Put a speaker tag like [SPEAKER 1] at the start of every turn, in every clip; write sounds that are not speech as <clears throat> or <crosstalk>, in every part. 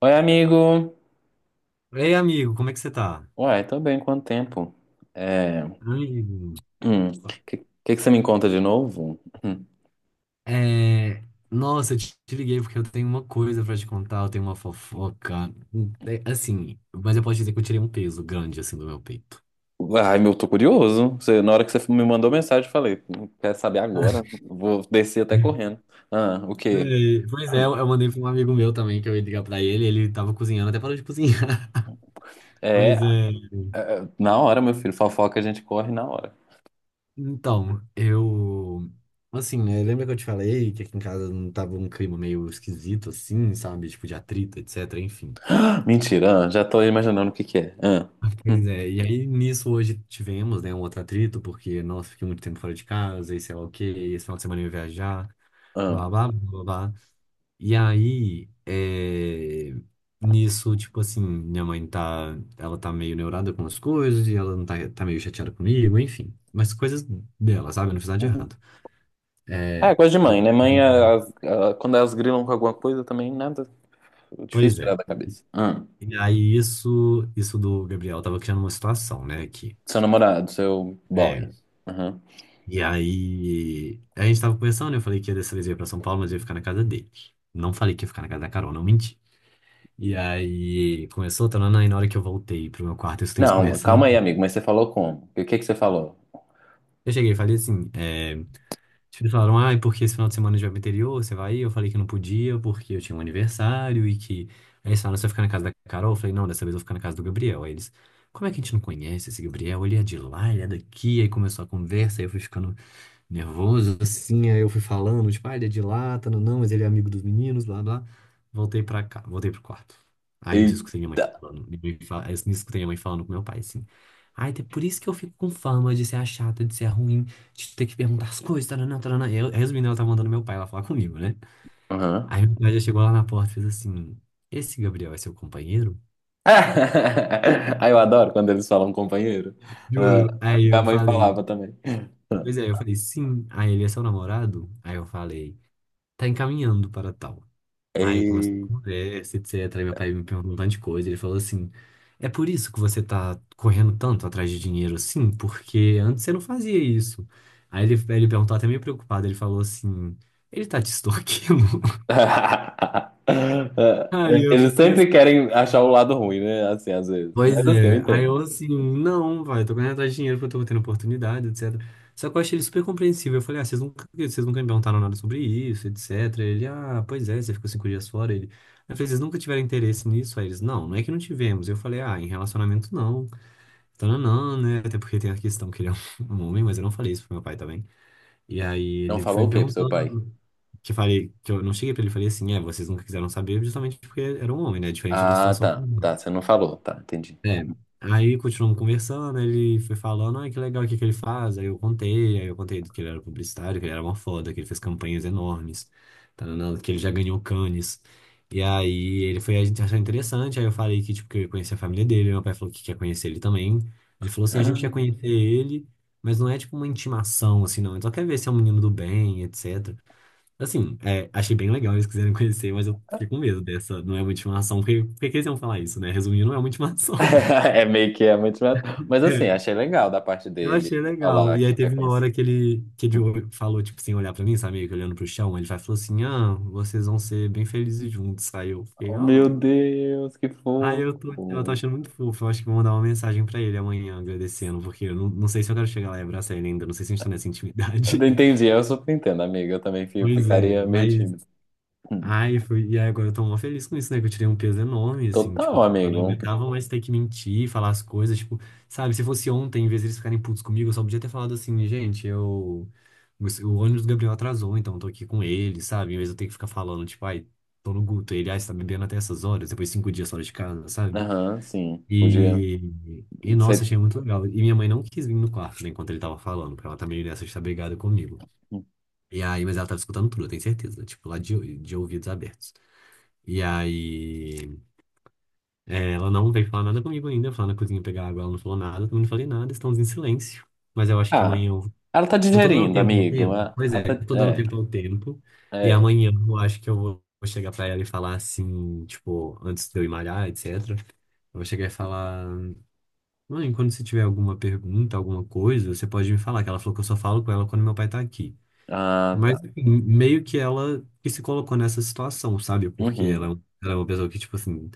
[SPEAKER 1] Oi, amigo.
[SPEAKER 2] Ei, amigo, como é que você tá?
[SPEAKER 1] Uai, tô bem, quanto tempo? É...
[SPEAKER 2] Amigo,
[SPEAKER 1] hum, Que, que que você me conta de novo? Hum.
[SPEAKER 2] é... nossa, eu te liguei porque eu tenho uma coisa pra te contar, eu tenho uma fofoca. É, assim, mas eu posso dizer que eu tirei um peso grande, assim, do meu peito.
[SPEAKER 1] Ai, meu, tô curioso. Na hora que você me mandou mensagem, eu falei, quer saber agora?
[SPEAKER 2] <laughs>
[SPEAKER 1] Vou descer até correndo." Ah, o
[SPEAKER 2] É,
[SPEAKER 1] quê?
[SPEAKER 2] pois é, eu mandei pra um amigo meu também que eu ia ligar pra ele, ele tava cozinhando, até parou de cozinhar. <laughs>
[SPEAKER 1] É,
[SPEAKER 2] Mas é.
[SPEAKER 1] na hora, meu filho, fofoca a gente corre na hora.
[SPEAKER 2] Então, eu. Assim, né? Lembra que eu te falei que aqui em casa não tava um clima meio esquisito, assim, sabe? Tipo, de atrito, etc. Enfim.
[SPEAKER 1] Mentira, ah, já tô imaginando o que que é. Ah, hum,
[SPEAKER 2] Pois é, e aí nisso hoje tivemos, né, um outro atrito, porque, nossa, fiquei muito tempo fora de casa, e sei lá o quê, e esse final de semana eu ia viajar,
[SPEAKER 1] ah,
[SPEAKER 2] blá, blá, blá, blá, blá. E aí, nisso, tipo assim, minha mãe tá, ela tá meio neurada com as coisas, e ela não tá meio chateada comigo, enfim. Mas coisas dela, sabe? Eu não fiz nada de
[SPEAKER 1] uhum.
[SPEAKER 2] errado.
[SPEAKER 1] Ah, é
[SPEAKER 2] É,
[SPEAKER 1] coisa de
[SPEAKER 2] e-
[SPEAKER 1] mãe, né? Mãe, quando elas grilam com alguma coisa, também nada,
[SPEAKER 2] pois
[SPEAKER 1] difícil
[SPEAKER 2] é.
[SPEAKER 1] tirar da cabeça. Ah,
[SPEAKER 2] E aí isso do Gabriel tava criando uma situação, né, aqui.
[SPEAKER 1] seu namorado, seu boy.
[SPEAKER 2] E aí, a gente tava conversando, eu falei que ia dessa vez eu ia pra São Paulo, mas eu ia ficar na casa dele. Não falei que ia ficar na casa da Carol, não menti. E aí, começou, tanana, e na hora que eu voltei pro meu quarto, eu escutei eles
[SPEAKER 1] Não, calma
[SPEAKER 2] conversando.
[SPEAKER 1] aí, amigo, mas você falou como? O que que você falou?
[SPEAKER 2] Eu cheguei e falei assim, é, tipo, eles falaram, ah, e porque esse final de semana a gente vai pro interior, você vai ir? Eu falei que não podia, porque eu tinha um aniversário aí eles falaram, você vai ficar na casa da Carol? Eu falei, não, dessa vez eu vou ficar na casa do Gabriel. Aí eles, como é que a gente não conhece esse Gabriel? Ele é de lá, ele é daqui. Aí começou a conversa, aí eu fui ficando nervoso, assim, aí eu fui falando, tipo, ah, ele é de lá, tá, não, não, mas ele é amigo dos meninos, blá, blá. Voltei pra cá, voltei pro quarto. Aí nisso eu escutei minha mãe
[SPEAKER 1] Eita!
[SPEAKER 2] falando, aí nisso eu escutei minha mãe falando com meu pai, assim. Ai, é por isso que eu fico com fama de ser a chata, de ser a ruim, de ter que perguntar as coisas, taranã, taranã. Eu, resumindo, ela tava mandando meu pai lá falar comigo, né?
[SPEAKER 1] Aham.
[SPEAKER 2] Aí meu
[SPEAKER 1] <laughs>
[SPEAKER 2] pai já chegou lá na porta e fez assim, esse Gabriel é seu companheiro?
[SPEAKER 1] Ah, eu adoro quando eles falam companheiro. Ah,
[SPEAKER 2] Juro. Aí
[SPEAKER 1] minha
[SPEAKER 2] eu
[SPEAKER 1] mãe
[SPEAKER 2] falei,
[SPEAKER 1] falava também.
[SPEAKER 2] pois é, eu falei, sim. Aí ele é seu namorado? Aí eu falei, tá encaminhando para tal. Aí começou a
[SPEAKER 1] Eita!
[SPEAKER 2] conversa, etc. Aí meu pai me perguntou um tanto de coisa. Ele falou assim: é por isso que você tá correndo tanto atrás de dinheiro assim? Porque antes você não fazia isso. Aí ele perguntou até meio preocupado. Ele falou assim: ele tá te extorquindo? <laughs>
[SPEAKER 1] <laughs>
[SPEAKER 2] Aí eu
[SPEAKER 1] Eles
[SPEAKER 2] fiquei.
[SPEAKER 1] sempre querem achar o lado ruim, né? Assim, às vezes. Mas
[SPEAKER 2] Pois
[SPEAKER 1] assim, eu
[SPEAKER 2] é, aí
[SPEAKER 1] entendo.
[SPEAKER 2] eu, assim, não, vai, eu tô correndo atrás de dinheiro porque eu tô tendo oportunidade, etc. Só que eu achei ele super compreensível. Eu falei, ah, vocês nunca me perguntaram nada sobre isso, etc. Ele, ah, pois é, você ficou 5 dias fora. Ele, eu falei, vocês nunca tiveram interesse nisso? Aí eles, não, não é que não tivemos. Eu falei, ah, em relacionamento não. Então, não, não, né? Até porque tem a questão que ele é um <laughs> um homem, mas eu não falei isso pro meu pai também. E aí
[SPEAKER 1] Não
[SPEAKER 2] ele foi
[SPEAKER 1] falou o
[SPEAKER 2] me
[SPEAKER 1] quê pro seu pai?
[SPEAKER 2] perguntando, que eu falei, que eu não cheguei pra ele, e falei assim, é, vocês nunca quiseram saber justamente porque era um homem, né? Diferente da
[SPEAKER 1] Ah,
[SPEAKER 2] situação.
[SPEAKER 1] tá. Tá, você não falou. Tá, entendi.
[SPEAKER 2] É, aí continuamos conversando, ele foi falando, ah, que legal, o que que ele faz? Aí eu contei que ele era publicitário, que ele era uma foda, que ele fez campanhas enormes, tananã, que ele já ganhou Cannes. E aí ele foi, a gente achou interessante, aí eu falei que, tipo, que eu ia conhecer a família dele, meu pai falou que quer conhecer ele também. Ele falou assim, a gente quer
[SPEAKER 1] <laughs>
[SPEAKER 2] conhecer ele, mas não é, tipo, uma intimação, assim, não, ele só quer ver se é um menino do bem, etc. Assim, é, achei bem legal eles quiserem <laughs> conhecer, mas eu fiquei com medo dessa, não é uma intimação, porque por que que eles iam falar isso, né? Resumindo, não é uma intimação.
[SPEAKER 1] É meio que é muito. Mas assim,
[SPEAKER 2] É,
[SPEAKER 1] achei legal da parte
[SPEAKER 2] eu
[SPEAKER 1] dele
[SPEAKER 2] achei legal.
[SPEAKER 1] falar
[SPEAKER 2] E aí
[SPEAKER 1] que quer
[SPEAKER 2] teve uma
[SPEAKER 1] conhecer.
[SPEAKER 2] hora que ele falou, tipo, sem olhar pra mim, sabe? Meio que olhando pro chão. Ele falou assim, ah, vocês vão ser bem felizes juntos. Aí eu fiquei,
[SPEAKER 1] Oh, meu
[SPEAKER 2] ai.
[SPEAKER 1] Deus, que
[SPEAKER 2] Aí
[SPEAKER 1] fofo.
[SPEAKER 2] eu tô, eu tô achando muito fofo. Eu acho que vou mandar uma mensagem pra ele amanhã, agradecendo. Porque eu não sei se eu quero chegar lá e abraçar ele ainda. Não sei se a gente tá nessa
[SPEAKER 1] Eu
[SPEAKER 2] intimidade.
[SPEAKER 1] entendi,
[SPEAKER 2] <laughs>
[SPEAKER 1] eu super entendo, amiga. Eu também
[SPEAKER 2] Pois é,
[SPEAKER 1] ficaria meio
[SPEAKER 2] mas
[SPEAKER 1] tímido. Hum.
[SPEAKER 2] ai, foi... E aí agora eu tô mó feliz com isso, né? Que eu tirei um peso enorme, assim, tipo,
[SPEAKER 1] Total,
[SPEAKER 2] eu não
[SPEAKER 1] amigo.
[SPEAKER 2] aguentava mais ter que mentir, falar as coisas, tipo, sabe, se fosse ontem, em vez de eles ficarem putos comigo, eu só podia ter falado assim, gente, eu. O ônibus do Gabriel atrasou, então eu tô aqui com ele, sabe? Em vez de eu ter que ficar falando, tipo, ai, tô no Guto, ele, ai, você tá bebendo até essas horas, depois 5 dias fora de casa, sabe?
[SPEAKER 1] Aham, sim. Podia
[SPEAKER 2] E. E nossa,
[SPEAKER 1] ser.
[SPEAKER 2] achei muito legal. E minha mãe não quis vir no quarto, né, enquanto ele tava falando, porque ela tá meio nessa de estar brigada comigo.
[SPEAKER 1] Hum,
[SPEAKER 2] E aí, mas ela tava escutando tudo, eu tenho certeza, tipo, lá de ouvidos abertos. E aí, é, ela não veio falar nada comigo ainda. Eu fui lá na cozinha pegar água, ela não falou nada, eu também não falei nada, estamos em silêncio. Mas eu acho que
[SPEAKER 1] ah,
[SPEAKER 2] amanhã eu.
[SPEAKER 1] ela tá
[SPEAKER 2] Eu tô dando
[SPEAKER 1] digerindo,
[SPEAKER 2] tempo ao
[SPEAKER 1] amigo.
[SPEAKER 2] tempo?
[SPEAKER 1] Ah,
[SPEAKER 2] Pois
[SPEAKER 1] ela
[SPEAKER 2] é,
[SPEAKER 1] tá...
[SPEAKER 2] eu tô dando tempo ao tempo. E
[SPEAKER 1] É, é.
[SPEAKER 2] amanhã eu acho que eu vou chegar pra ela e falar assim, tipo, antes de eu ir malhar, etc. Eu vou chegar e falar: mãe, quando você tiver alguma pergunta, alguma coisa, você pode me falar, que ela falou que eu só falo com ela quando meu pai tá aqui.
[SPEAKER 1] Ah, tá.
[SPEAKER 2] Mas, enfim, meio que ela que se colocou nessa situação, sabe? Porque
[SPEAKER 1] Uhum.
[SPEAKER 2] ela é uma pessoa que, tipo assim,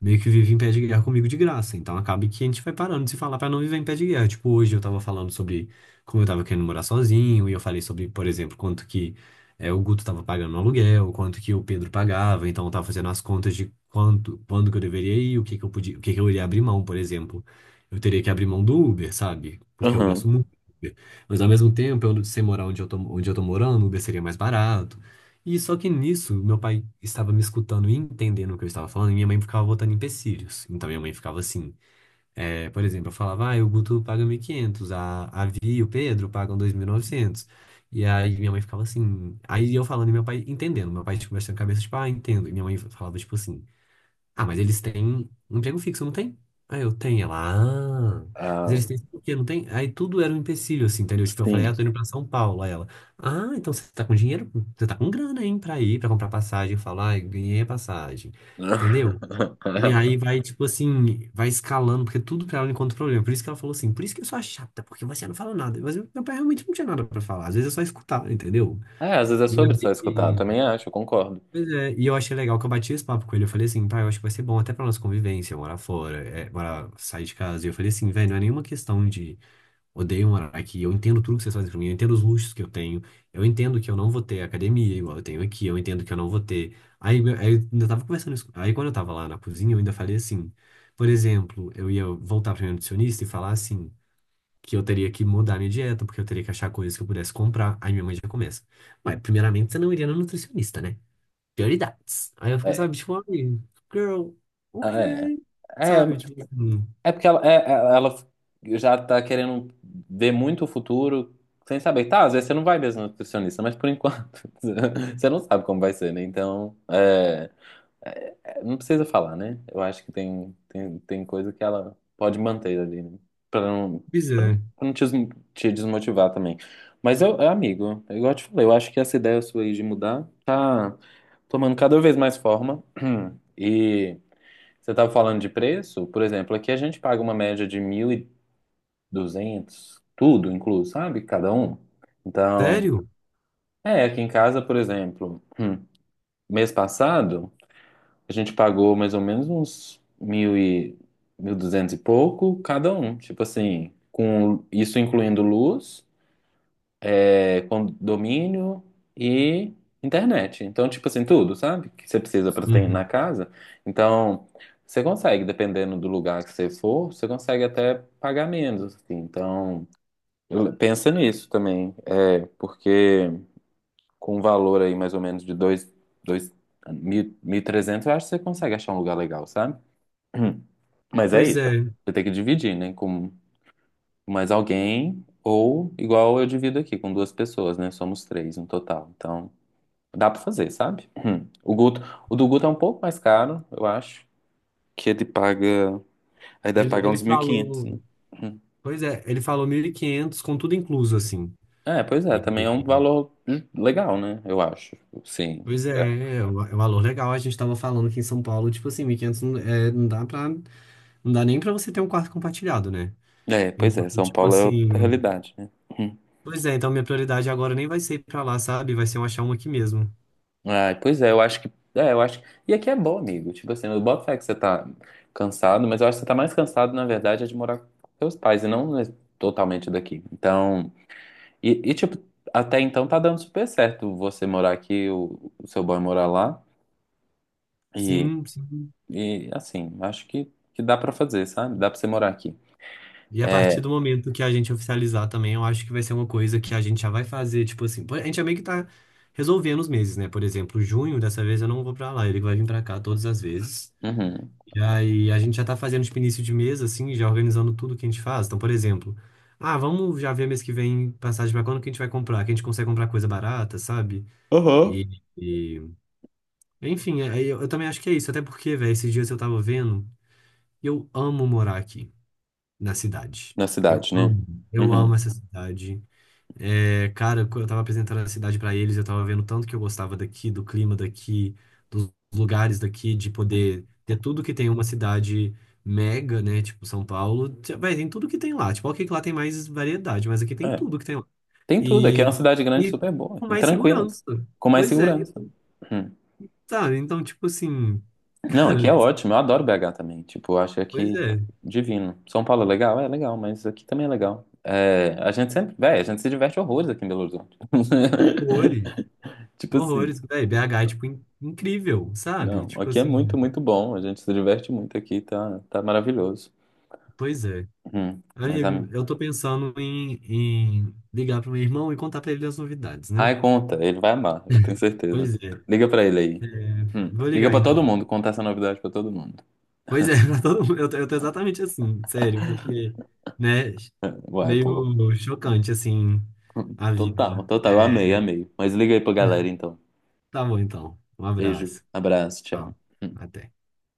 [SPEAKER 2] meio que vive em pé de guerra comigo de graça. Então acaba que a gente vai parando de se falar pra não viver em pé de guerra. Tipo, hoje eu tava falando sobre como eu tava querendo morar sozinho, e eu falei sobre, por exemplo, quanto que é, o Guto tava pagando no aluguel, quanto que o Pedro pagava, então eu tava fazendo as contas de quanto, quando que eu deveria ir, o que que eu podia, o que que eu iria abrir mão, por exemplo. Eu teria que abrir mão do Uber, sabe? Porque eu gasto
[SPEAKER 1] Uhum.
[SPEAKER 2] muito, com Uber. Mas ao mesmo tempo, eu, sem morar onde eu tô morando, o Uber seria mais barato. E só que nisso, meu pai estava me escutando e entendendo o que eu estava falando, e minha mãe ficava botando empecilhos. Então minha mãe ficava assim, por exemplo, eu falava, ah, o Guto paga 1.500, a Vi e o Pedro pagam 2.900. E aí minha mãe ficava assim, aí eu falando e meu pai entendendo, meu pai tipo, mexendo a cabeça, tipo, ah, entendo. E minha mãe falava tipo assim, ah, mas eles têm um emprego fixo, não tem? Ah, eu tenho. Ela, ah. Mas
[SPEAKER 1] Ah,
[SPEAKER 2] eles têm o quê? Não tem? Aí tudo era um empecilho, assim, entendeu? Tipo, eu falei,
[SPEAKER 1] sim.
[SPEAKER 2] ah, tô indo pra São Paulo. Aí ela, ah, então você tá com dinheiro? Você tá com grana, hein, pra ir, pra comprar passagem. Eu falo, ah, eu ganhei a passagem. Entendeu? E
[SPEAKER 1] <laughs>
[SPEAKER 2] aí vai, tipo assim, vai escalando, porque tudo pra ela encontra problema. Por isso que ela falou assim, por isso que eu sou a chata, porque você não fala nada. Mas eu- meu pai realmente não tinha nada pra falar. Às vezes é só escutar, entendeu?
[SPEAKER 1] É, às vezes é sobre só escutar. Eu
[SPEAKER 2] E,
[SPEAKER 1] também acho, eu concordo.
[SPEAKER 2] Pois é, e eu achei legal que eu bati esse papo com ele. Eu falei assim, pai, eu acho que vai ser bom até pra nossa convivência, morar fora, é, morar, sair de casa. E eu falei assim, velho, não é nenhuma questão de odeio morar aqui, eu entendo tudo que vocês fazem pra mim, eu entendo os luxos que eu tenho, eu entendo que eu não vou ter academia igual eu tenho aqui, eu entendo que eu não vou ter. Aí, meu- aí eu ainda tava conversando isso. Aí quando eu tava lá na cozinha, eu ainda falei assim, por exemplo, eu ia voltar pra minha nutricionista e falar assim, que eu teria que mudar minha dieta, porque eu teria que achar coisas que eu pudesse comprar. Aí minha mãe já começa. Mas, primeiramente, você não iria na nutricionista, né? Dirty Dots. Aí eu fico,
[SPEAKER 1] É,
[SPEAKER 2] sabe, tipo, ai, girl,
[SPEAKER 1] ah, é.
[SPEAKER 2] ok.
[SPEAKER 1] É,
[SPEAKER 2] Sabe, tipo, assim,
[SPEAKER 1] é porque ela, ela já tá querendo ver muito o futuro sem saber. Tá, às vezes você não vai mesmo no nutricionista, mas por enquanto <laughs> você não sabe como vai ser, né? Então, é, é, não precisa falar, né? Eu acho que tem coisa que ela pode manter ali, né? Pra não,
[SPEAKER 2] pois é.
[SPEAKER 1] pra não te, te desmotivar também. Mas eu, é, amigo, é igual eu te falei, eu acho que essa ideia sua aí de mudar tá tomando cada vez mais forma. <clears throat> E. Você estava falando de preço? Por exemplo, aqui a gente paga uma média de mil e duzentos tudo incluso, sabe? Cada um. Então,
[SPEAKER 2] Sério?
[SPEAKER 1] é, aqui em casa, por exemplo, mês passado, a gente pagou mais ou menos uns 1.200 e pouco cada um. Tipo assim, com isso incluindo luz, é, condomínio e internet. Então, tipo assim, tudo, sabe? Que você precisa para ter na
[SPEAKER 2] Uhum.
[SPEAKER 1] casa. Então, você consegue, dependendo do lugar que você for, você consegue até pagar menos, assim. Então, pensa nisso também. É, porque com um valor aí mais ou menos de dois, mil, 1.300, eu acho que você consegue achar um lugar legal, sabe? <clears throat> Mas é
[SPEAKER 2] Pois
[SPEAKER 1] isso.
[SPEAKER 2] é.
[SPEAKER 1] Você tem que dividir, né? Com mais alguém, ou igual eu divido aqui, com duas pessoas, né? Somos três no total. Então, dá pra fazer, sabe? Hum. O do Guto é um pouco mais caro, eu acho, que ele paga, aí deve
[SPEAKER 2] Ele,
[SPEAKER 1] pagar
[SPEAKER 2] ele
[SPEAKER 1] uns 1.500, né?
[SPEAKER 2] falou,
[SPEAKER 1] Hum.
[SPEAKER 2] pois é, ele falou 1.500 com tudo incluso, assim.
[SPEAKER 1] É, pois é,
[SPEAKER 2] E-
[SPEAKER 1] também é um
[SPEAKER 2] e-
[SPEAKER 1] valor legal, né? Eu acho. Sim.
[SPEAKER 2] pois é,
[SPEAKER 1] É,
[SPEAKER 2] é um valor legal. A gente tava falando aqui em São Paulo, tipo assim, 1.500 não, é, não dá pra, não dá nem pra você ter um quarto compartilhado, né?
[SPEAKER 1] é, pois
[SPEAKER 2] Então,
[SPEAKER 1] é, São
[SPEAKER 2] tipo
[SPEAKER 1] Paulo é outra
[SPEAKER 2] assim,
[SPEAKER 1] realidade, né? Hum.
[SPEAKER 2] pois é, então minha prioridade agora nem vai ser ir pra lá, sabe? Vai ser eu achar um aqui mesmo.
[SPEAKER 1] Ah, pois é, eu acho que, e aqui é bom, amigo, tipo assim, eu boto fé que você tá cansado, mas eu acho que você tá mais cansado, na verdade, é de morar com seus pais, e não né, totalmente daqui. Então, e, tipo, até então tá dando super certo você morar aqui, o seu boy morar lá. E,
[SPEAKER 2] Sim, sim.
[SPEAKER 1] e assim, acho que dá pra fazer, sabe? Dá pra você morar aqui.
[SPEAKER 2] E a partir
[SPEAKER 1] É,
[SPEAKER 2] do momento que a gente oficializar também, eu acho que vai ser uma coisa que a gente já vai fazer, tipo assim, pô, a gente já meio que tá resolvendo os meses, né? Por exemplo, junho, dessa vez eu não vou pra lá, ele vai vir pra cá todas as vezes.
[SPEAKER 1] uhum.
[SPEAKER 2] E aí a gente já tá fazendo tipo início de mês, assim, já organizando tudo que a gente faz. Então, por exemplo, ah, vamos já ver mês que vem passagem pra quando que a gente vai comprar, que a gente consegue comprar coisa barata, sabe?
[SPEAKER 1] Aham.
[SPEAKER 2] E, e- enfim, aí eu também acho que é isso, até porque, velho, esses dias eu tava vendo, eu amo morar aqui na cidade.
[SPEAKER 1] Na cidade, né?
[SPEAKER 2] Eu amo
[SPEAKER 1] Uhum.
[SPEAKER 2] essa cidade. É, cara, quando eu tava apresentando a cidade pra eles, eu tava vendo tanto que eu gostava daqui, do clima daqui, dos lugares daqui, de poder ter tudo que tem uma cidade mega, né? Tipo São Paulo, vai, tem tudo que tem lá. Tipo, ok, que lá tem mais variedade, mas aqui tem
[SPEAKER 1] É.
[SPEAKER 2] tudo que tem lá.
[SPEAKER 1] Tem tudo. Aqui é
[SPEAKER 2] E,
[SPEAKER 1] uma cidade grande
[SPEAKER 2] e
[SPEAKER 1] super boa,
[SPEAKER 2] com
[SPEAKER 1] e
[SPEAKER 2] mais
[SPEAKER 1] tranquila,
[SPEAKER 2] segurança.
[SPEAKER 1] com mais
[SPEAKER 2] Pois é,
[SPEAKER 1] segurança.
[SPEAKER 2] e,
[SPEAKER 1] Uhum.
[SPEAKER 2] sabe? Então, tipo assim, <laughs>
[SPEAKER 1] Não, aqui
[SPEAKER 2] cara,
[SPEAKER 1] é ótimo. Eu adoro BH também. Tipo, eu acho
[SPEAKER 2] pois
[SPEAKER 1] aqui
[SPEAKER 2] é,
[SPEAKER 1] divino. São Paulo é legal? É legal, mas aqui também é legal. É, a gente sempre, véi, a gente se diverte horrores aqui em Belo Horizonte.
[SPEAKER 2] horrores.
[SPEAKER 1] <laughs> Tipo assim.
[SPEAKER 2] Horrores, velho. BH é, tipo, incrível, sabe?
[SPEAKER 1] Não,
[SPEAKER 2] Tipo
[SPEAKER 1] aqui é
[SPEAKER 2] assim,
[SPEAKER 1] muito, muito bom. A gente se diverte muito aqui, tá, tá maravilhoso.
[SPEAKER 2] pois é.
[SPEAKER 1] Mas a...
[SPEAKER 2] Amigo, eu tô pensando em, ligar pro meu irmão e contar pra ele as novidades, né?
[SPEAKER 1] Ai, conta, ele vai amar, eu tenho certeza.
[SPEAKER 2] Pois é.
[SPEAKER 1] Liga pra ele aí.
[SPEAKER 2] É, vou
[SPEAKER 1] Liga
[SPEAKER 2] ligar
[SPEAKER 1] pra todo
[SPEAKER 2] então.
[SPEAKER 1] mundo, conta essa novidade pra todo mundo.
[SPEAKER 2] Pois é, <laughs> pra todo mundo. Eu tô exatamente assim, sério, porque, né?
[SPEAKER 1] Uai, pô.
[SPEAKER 2] Meio chocante, assim, a
[SPEAKER 1] Total,
[SPEAKER 2] vida.
[SPEAKER 1] total, eu amei,
[SPEAKER 2] É,
[SPEAKER 1] amei. Mas liga aí pra galera então.
[SPEAKER 2] tá bom, então. Um
[SPEAKER 1] Beijo,
[SPEAKER 2] abraço.
[SPEAKER 1] abraço,
[SPEAKER 2] Tchau.
[SPEAKER 1] tchau.
[SPEAKER 2] Até.